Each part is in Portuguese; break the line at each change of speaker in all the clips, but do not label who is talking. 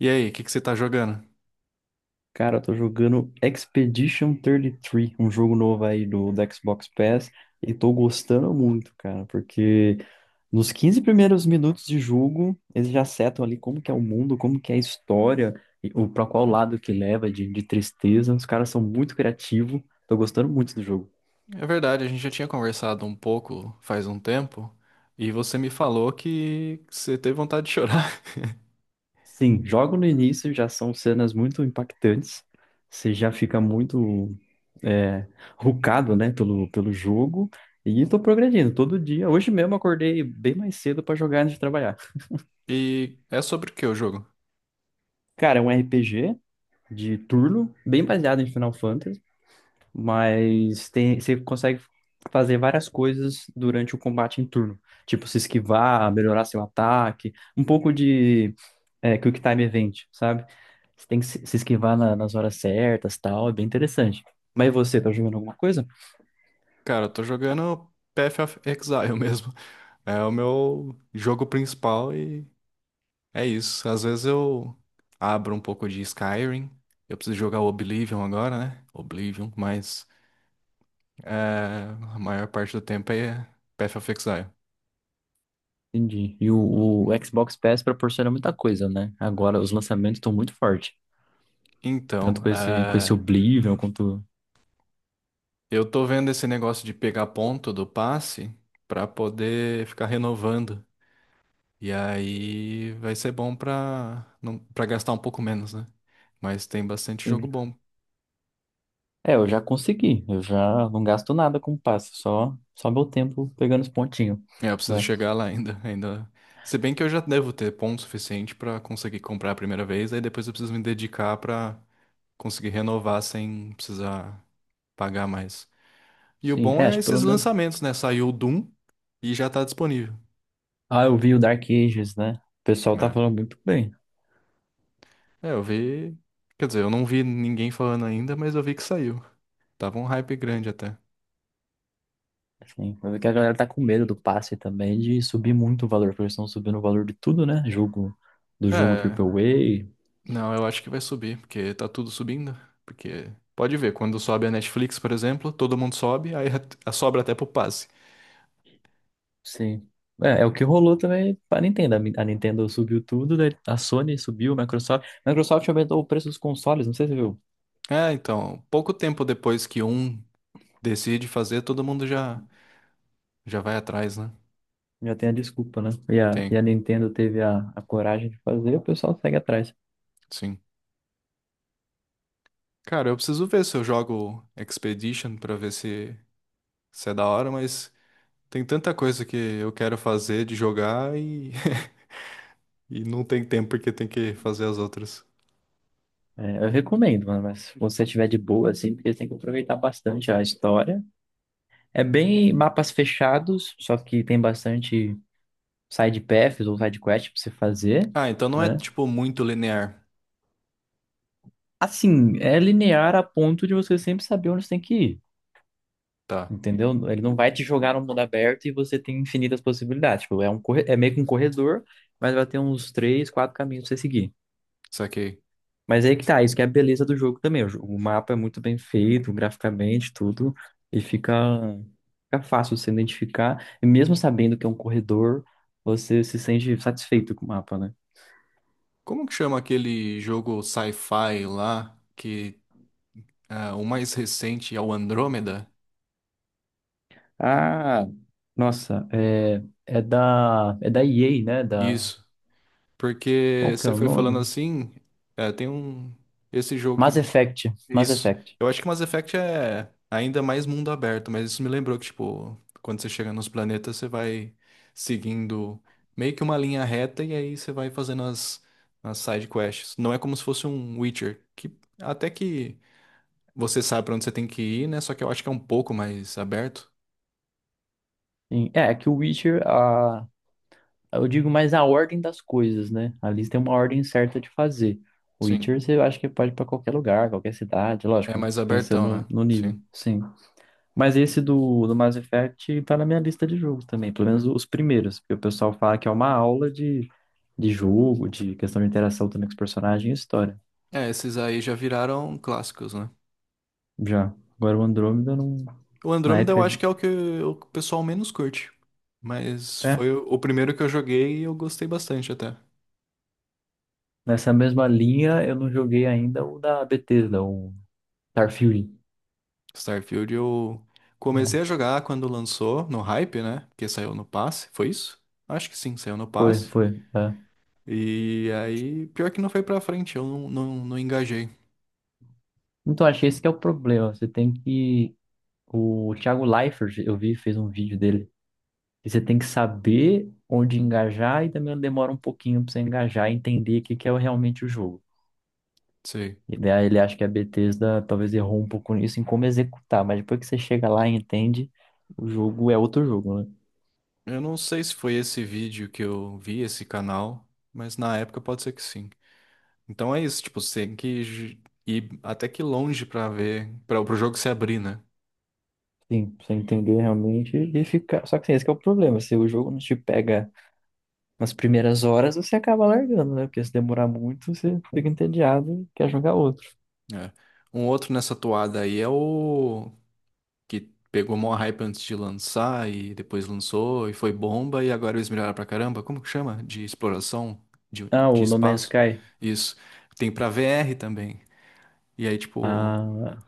E aí, o que que você tá jogando?
Cara, eu tô jogando Expedition 33, um jogo novo aí do Xbox Pass, e tô gostando muito, cara, porque nos 15 primeiros minutos de jogo, eles já setam ali como que é o mundo, como que é a história, e o para qual lado que leva de tristeza. Os caras são muito criativos, tô gostando muito do jogo.
É verdade, a gente já tinha conversado um pouco faz um tempo, e você me falou que você teve vontade de chorar.
Sim, logo no início já são cenas muito impactantes. Você já fica muito é, rucado, né, pelo jogo. E tô progredindo todo dia. Hoje mesmo acordei bem mais cedo para jogar antes de trabalhar.
E é sobre o que o jogo?
Cara, é um RPG de turno, bem baseado em Final Fantasy, mas tem, você consegue fazer várias coisas durante o combate em turno. Tipo, se esquivar, melhorar seu ataque, um pouco de Quick Time Event, sabe? Você tem que se esquivar nas horas certas, tal, é bem interessante. Mas e você, tá jogando alguma coisa?
Cara, eu tô jogando Path of Exile mesmo. É o meu jogo principal e é isso. Às vezes eu abro um pouco de Skyrim. Eu preciso jogar o Oblivion agora, né? Oblivion, mas é, a maior parte do tempo é Path of Exile.
Entendi. E o Xbox Pass proporciona muita coisa, né? Agora os lançamentos estão muito fortes. Tanto
Então,
com esse Oblivion quanto.
eu tô vendo esse negócio de pegar ponto do passe pra poder ficar renovando. E aí vai ser bom pra não para gastar um pouco menos, né? Mas tem bastante jogo
Sim.
bom.
É, eu já consegui. Eu já não gasto nada com o passe, só meu tempo pegando os pontinhos,
É, eu preciso
né?
chegar lá ainda, ainda. Se bem que eu já devo ter ponto suficiente pra conseguir comprar a primeira vez, aí depois eu preciso me dedicar pra conseguir renovar sem precisar pagar mais. E o
Sim,
bom
é,
é
acho que
esses
pelo menos.
lançamentos, né? Saiu o Doom e já tá disponível.
Ah, eu vi o Dark Ages, né? O pessoal tá
É.
falando muito bem.
É, eu vi. Quer dizer, eu não vi ninguém falando ainda, mas eu vi que saiu. Tava um hype grande até.
Sim, mas é que a galera tá com medo do passe também de subir muito o valor, porque eles estão subindo o valor de tudo, né? Jogo, do jogo
É,
triple A
não, eu acho que vai subir, porque tá tudo subindo. Porque pode ver, quando sobe a Netflix, por exemplo, todo mundo sobe, aí sobra até pro passe.
sim. É, é o que rolou também para a Nintendo. A Nintendo subiu tudo, daí a Sony subiu, a Microsoft. A Microsoft aumentou o preço dos consoles, não sei se você viu.
É, então, pouco tempo depois que um decide fazer, todo mundo já vai atrás, né?
Já tem a desculpa, né? E e
Tem,
a Nintendo teve a coragem de fazer, o pessoal segue atrás.
sim. Cara, eu preciso ver se eu jogo Expedition pra ver se é da hora, mas tem tanta coisa que eu quero fazer de jogar e e não tem tempo porque tem que fazer as outras.
É, eu recomendo, mano, mas se você tiver de boa, assim, porque tem que aproveitar bastante a história. É bem mapas fechados, só que tem bastante side paths ou side quest pra você fazer,
Ah, então não é
né?
tipo muito linear.
Assim, é linear a ponto de você sempre saber onde você tem que ir,
Tá,
entendeu? Ele não vai te jogar no mundo aberto e você tem infinitas possibilidades. Tipo, é meio que um corredor, mas vai ter uns três, quatro caminhos pra você seguir.
saquei.
Mas aí que tá, isso que é a beleza do jogo também. O mapa é muito bem feito, graficamente, tudo, e fica fácil você identificar. E mesmo sabendo que é um corredor, você se sente satisfeito com o mapa, né?
Como que chama aquele jogo sci-fi lá que, o mais recente é o Andrômeda?
Ah, nossa, é, é da EA, né? Da
Isso. Porque
qual que é
você
o
foi falando
nome?
assim, tem um esse jogo
Mass
que
Effect, Mass
isso.
Effect.
Eu acho que Mass Effect é ainda mais mundo aberto, mas isso me lembrou que, tipo, quando você chega nos planetas, você vai seguindo meio que uma linha reta e aí você vai fazendo as side quests. Não é como se fosse um Witcher, que até que você sabe pra onde você tem que ir, né? Só que eu acho que é um pouco mais aberto.
É, é que o Witcher, a, eu digo mais a ordem das coisas, né? Ali tem uma ordem certa de fazer. O
Sim.
Witcher, você acha que pode ir pra qualquer lugar, qualquer cidade,
É
lógico,
mais abertão,
pensando
né?
no nível,
Sim.
sim. Mas esse do Mass Effect tá na minha lista de jogos também, pelo menos os primeiros, porque o pessoal fala que é uma aula de jogo, de questão de interação também com os personagens e história.
É, esses aí já viraram clássicos, né?
Já. Agora o Andrômeda eu não.
O
Na
Andrômeda eu
época.
acho que é o que o pessoal menos curte. Mas foi
É.
o primeiro que eu joguei e eu gostei bastante até.
Nessa mesma linha eu não joguei ainda o da Bethesda, o Starfield.
Starfield eu
Uhum.
comecei a jogar quando lançou, no hype, né? Porque saiu no passe, foi isso? Acho que sim, saiu no
Foi,
passe.
foi. É.
E aí, pior que não foi pra frente, eu não engajei.
Então achei esse que é o problema. Você tem que. O Thiago Leifert, eu vi, fez um vídeo dele. E você tem que saber onde engajar e também demora um pouquinho pra você engajar e entender o que que é realmente o jogo.
Sei.
E daí ele acha que a Bethesda talvez errou um pouco nisso em como executar, mas depois que você chega lá e entende, o jogo é outro jogo, né?
Eu não sei se foi esse vídeo que eu vi, esse canal, mas na época pode ser que sim. Então é isso, tipo, você tem que ir até que longe pra ver, para o jogo se abrir, né?
Sim, pra você entender realmente e ficar. Só que assim, esse que é o problema. Se o jogo não te pega nas primeiras horas, você acaba largando, né? Porque se demorar muito, você fica entediado e quer jogar outro.
É. Um outro nessa toada aí é o que pegou maior hype antes de lançar e depois lançou e foi bomba e agora eles melhoraram pra caramba. Como que chama? De exploração
Ah,
de
o No Man's
espaço.
Sky.
Isso. Tem pra VR também. E aí, tipo,
Ah,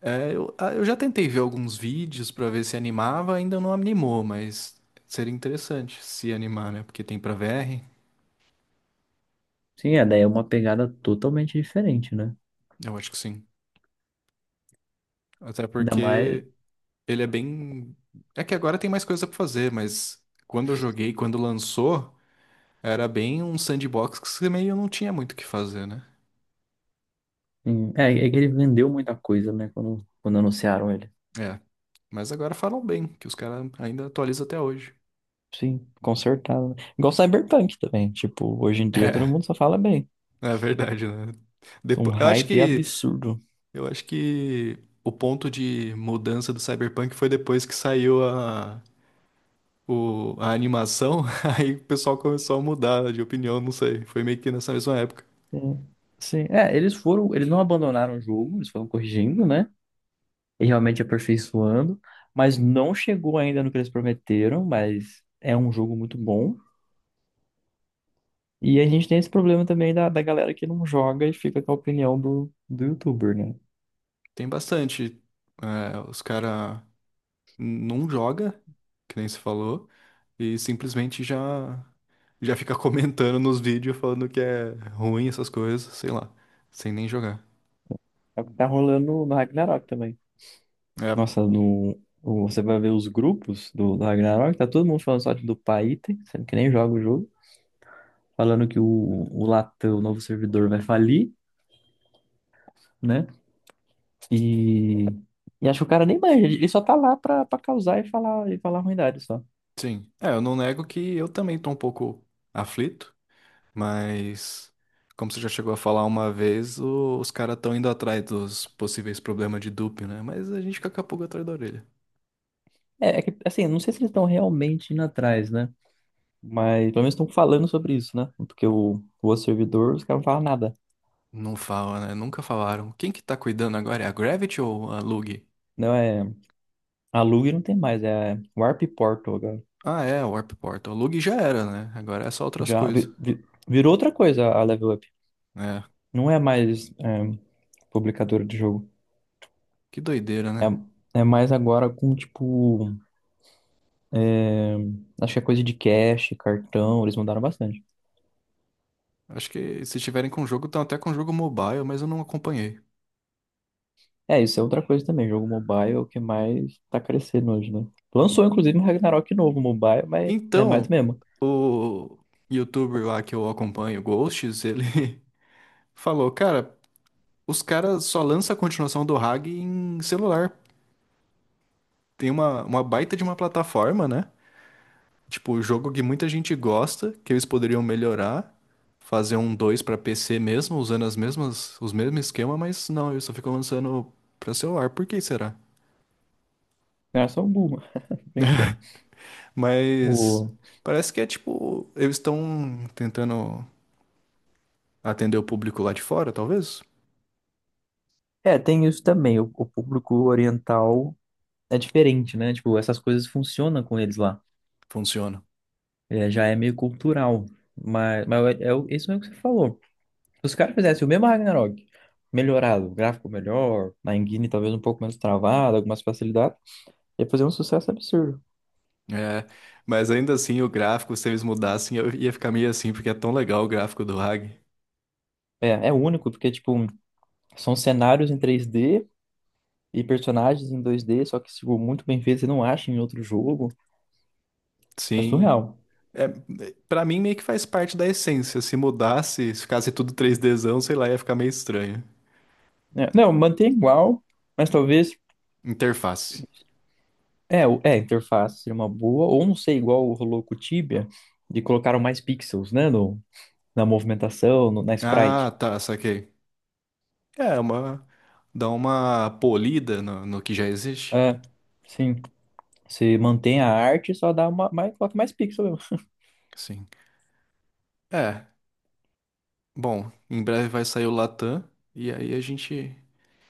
eu já tentei ver alguns vídeos pra ver se animava, ainda não animou, mas seria interessante se animar, né? Porque tem pra VR,
sim, é, daí é uma pegada totalmente diferente, né?
eu acho que sim. Até
Ainda mais.
porque ele é bem. É que agora tem mais coisa pra fazer, mas quando eu joguei, quando lançou, era bem um sandbox que você meio não tinha muito o que fazer, né?
É, é que ele vendeu muita coisa, né? Quando anunciaram ele.
É. Mas agora falam bem, que os caras ainda atualizam até hoje.
Sim, consertado, né? Igual Cyberpunk também. Tipo, hoje em dia todo mundo só fala bem.
É, é verdade, né?
Um
Depois,
hype absurdo.
eu acho que o ponto de mudança do Cyberpunk foi depois que saiu a animação, aí o pessoal começou a mudar de opinião, não sei. Foi meio que nessa mesma época.
Sim, sim. É, eles foram, eles não abandonaram o jogo, eles foram corrigindo, né? E realmente aperfeiçoando, mas não chegou ainda no que eles prometeram, mas é um jogo muito bom. E a gente tem esse problema também da galera que não joga e fica com a opinião do youtuber, né?
Tem bastante. É, os caras não joga, que nem se falou, e simplesmente já fica comentando nos vídeos falando que é ruim essas coisas, sei lá, sem nem jogar.
É o que tá rolando no Ragnarok também.
É,
Nossa, no, o- você vai ver os grupos do Ragnarok, tá todo mundo falando só do Paiten, sendo que nem joga o jogo, falando que o Latam, o novo servidor, vai falir, né? E, e acho que o cara nem manja, ele só tá lá pra causar e falar ruindade só.
sim. É, eu não nego que eu também tô um pouco aflito, mas como você já chegou a falar uma vez, os caras estão indo atrás dos possíveis problemas de dupe, né? Mas a gente fica com a pulga atrás da orelha.
É, é que, assim, eu não sei se eles estão realmente indo atrás, né? Mas pelo menos estão falando sobre isso, né? Porque o outro servidor, os caras não falam nada.
Não fala, né? Nunca falaram. Quem que tá cuidando agora? É a Gravity ou a Lug?
Não é. A Lug não tem mais, é Warp Portal agora.
Ah, é, Warp Portal. Lug já era, né? Agora é só outras coisas.
Virou outra coisa a Level Up.
É,
Não é mais é, publicadora de jogo.
que doideira, né?
É, é mais agora com, tipo. É, acho que é coisa de cache, cartão, eles mandaram bastante.
Acho que se tiverem com jogo, estão até com jogo mobile, mas eu não acompanhei.
É, isso é outra coisa também. Jogo mobile é o que mais tá crescendo hoje, né? Lançou, inclusive, um Ragnarok novo mobile, mas é mais do
Então,
mesmo.
o youtuber lá que eu acompanho, Ghosts, ele falou, cara, os caras só lançam a continuação do Hag em celular. Tem uma baita de uma plataforma, né? Tipo, o jogo que muita gente gosta, que eles poderiam melhorar, fazer um 2 pra PC mesmo, usando os mesmos esquema, mas não, eles só ficam lançando pra celular. Por que será?
É só um boom, brincando.
Mas
O...
parece que é tipo, eles estão tentando atender o público lá de fora, talvez?
É, tem isso também. O público oriental é diferente, né? Tipo, essas coisas funcionam com eles lá.
Funciona.
É, já é meio cultural. Mas isso é o que você falou. Se os caras fizessem o mesmo Ragnarok, melhorado, gráfico melhor, na engine talvez um pouco menos travado, algumas facilidades, ia fazer um sucesso absurdo.
É, mas ainda assim, o gráfico, se eles mudassem, eu ia ficar meio assim, porque é tão legal o gráfico do Hag.
É, é único, porque, tipo, são cenários em 3D e personagens em 2D, só que tipo, muito bem feito, você não acha em outro jogo. É
Sim,
surreal.
é, para mim, meio que faz parte da essência. Se mudasse, se ficasse tudo 3Dzão, sei lá, ia ficar meio estranho.
É, não, mantém igual, mas talvez.
Interface.
É, a interface seria uma boa, ou não sei, igual rolou com o Tibia, de colocaram mais pixels, né, na movimentação, no- na
Ah,
sprite.
tá, saquei. É, uma, dá uma polida no que já existe.
É, sim, você mantém a arte, só dá uma, mais, coloca mais pixel mesmo.
Sim. É, bom, em breve vai sair o Latam, e aí a gente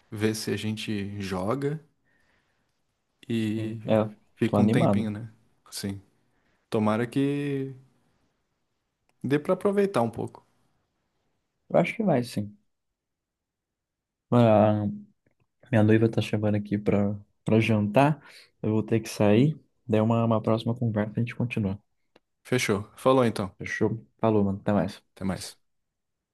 vê se a gente joga e
Sim, é, tô
fica um tempinho,
animado.
né? Sim. Tomara que dê pra aproveitar um pouco.
Eu acho que vai, sim. Ah, minha noiva tá chamando aqui pra jantar. Eu vou ter que sair. Daí uma próxima conversa a gente continua.
Fechou. Falou então.
Fechou? Falou, mano. Até mais.
Até mais.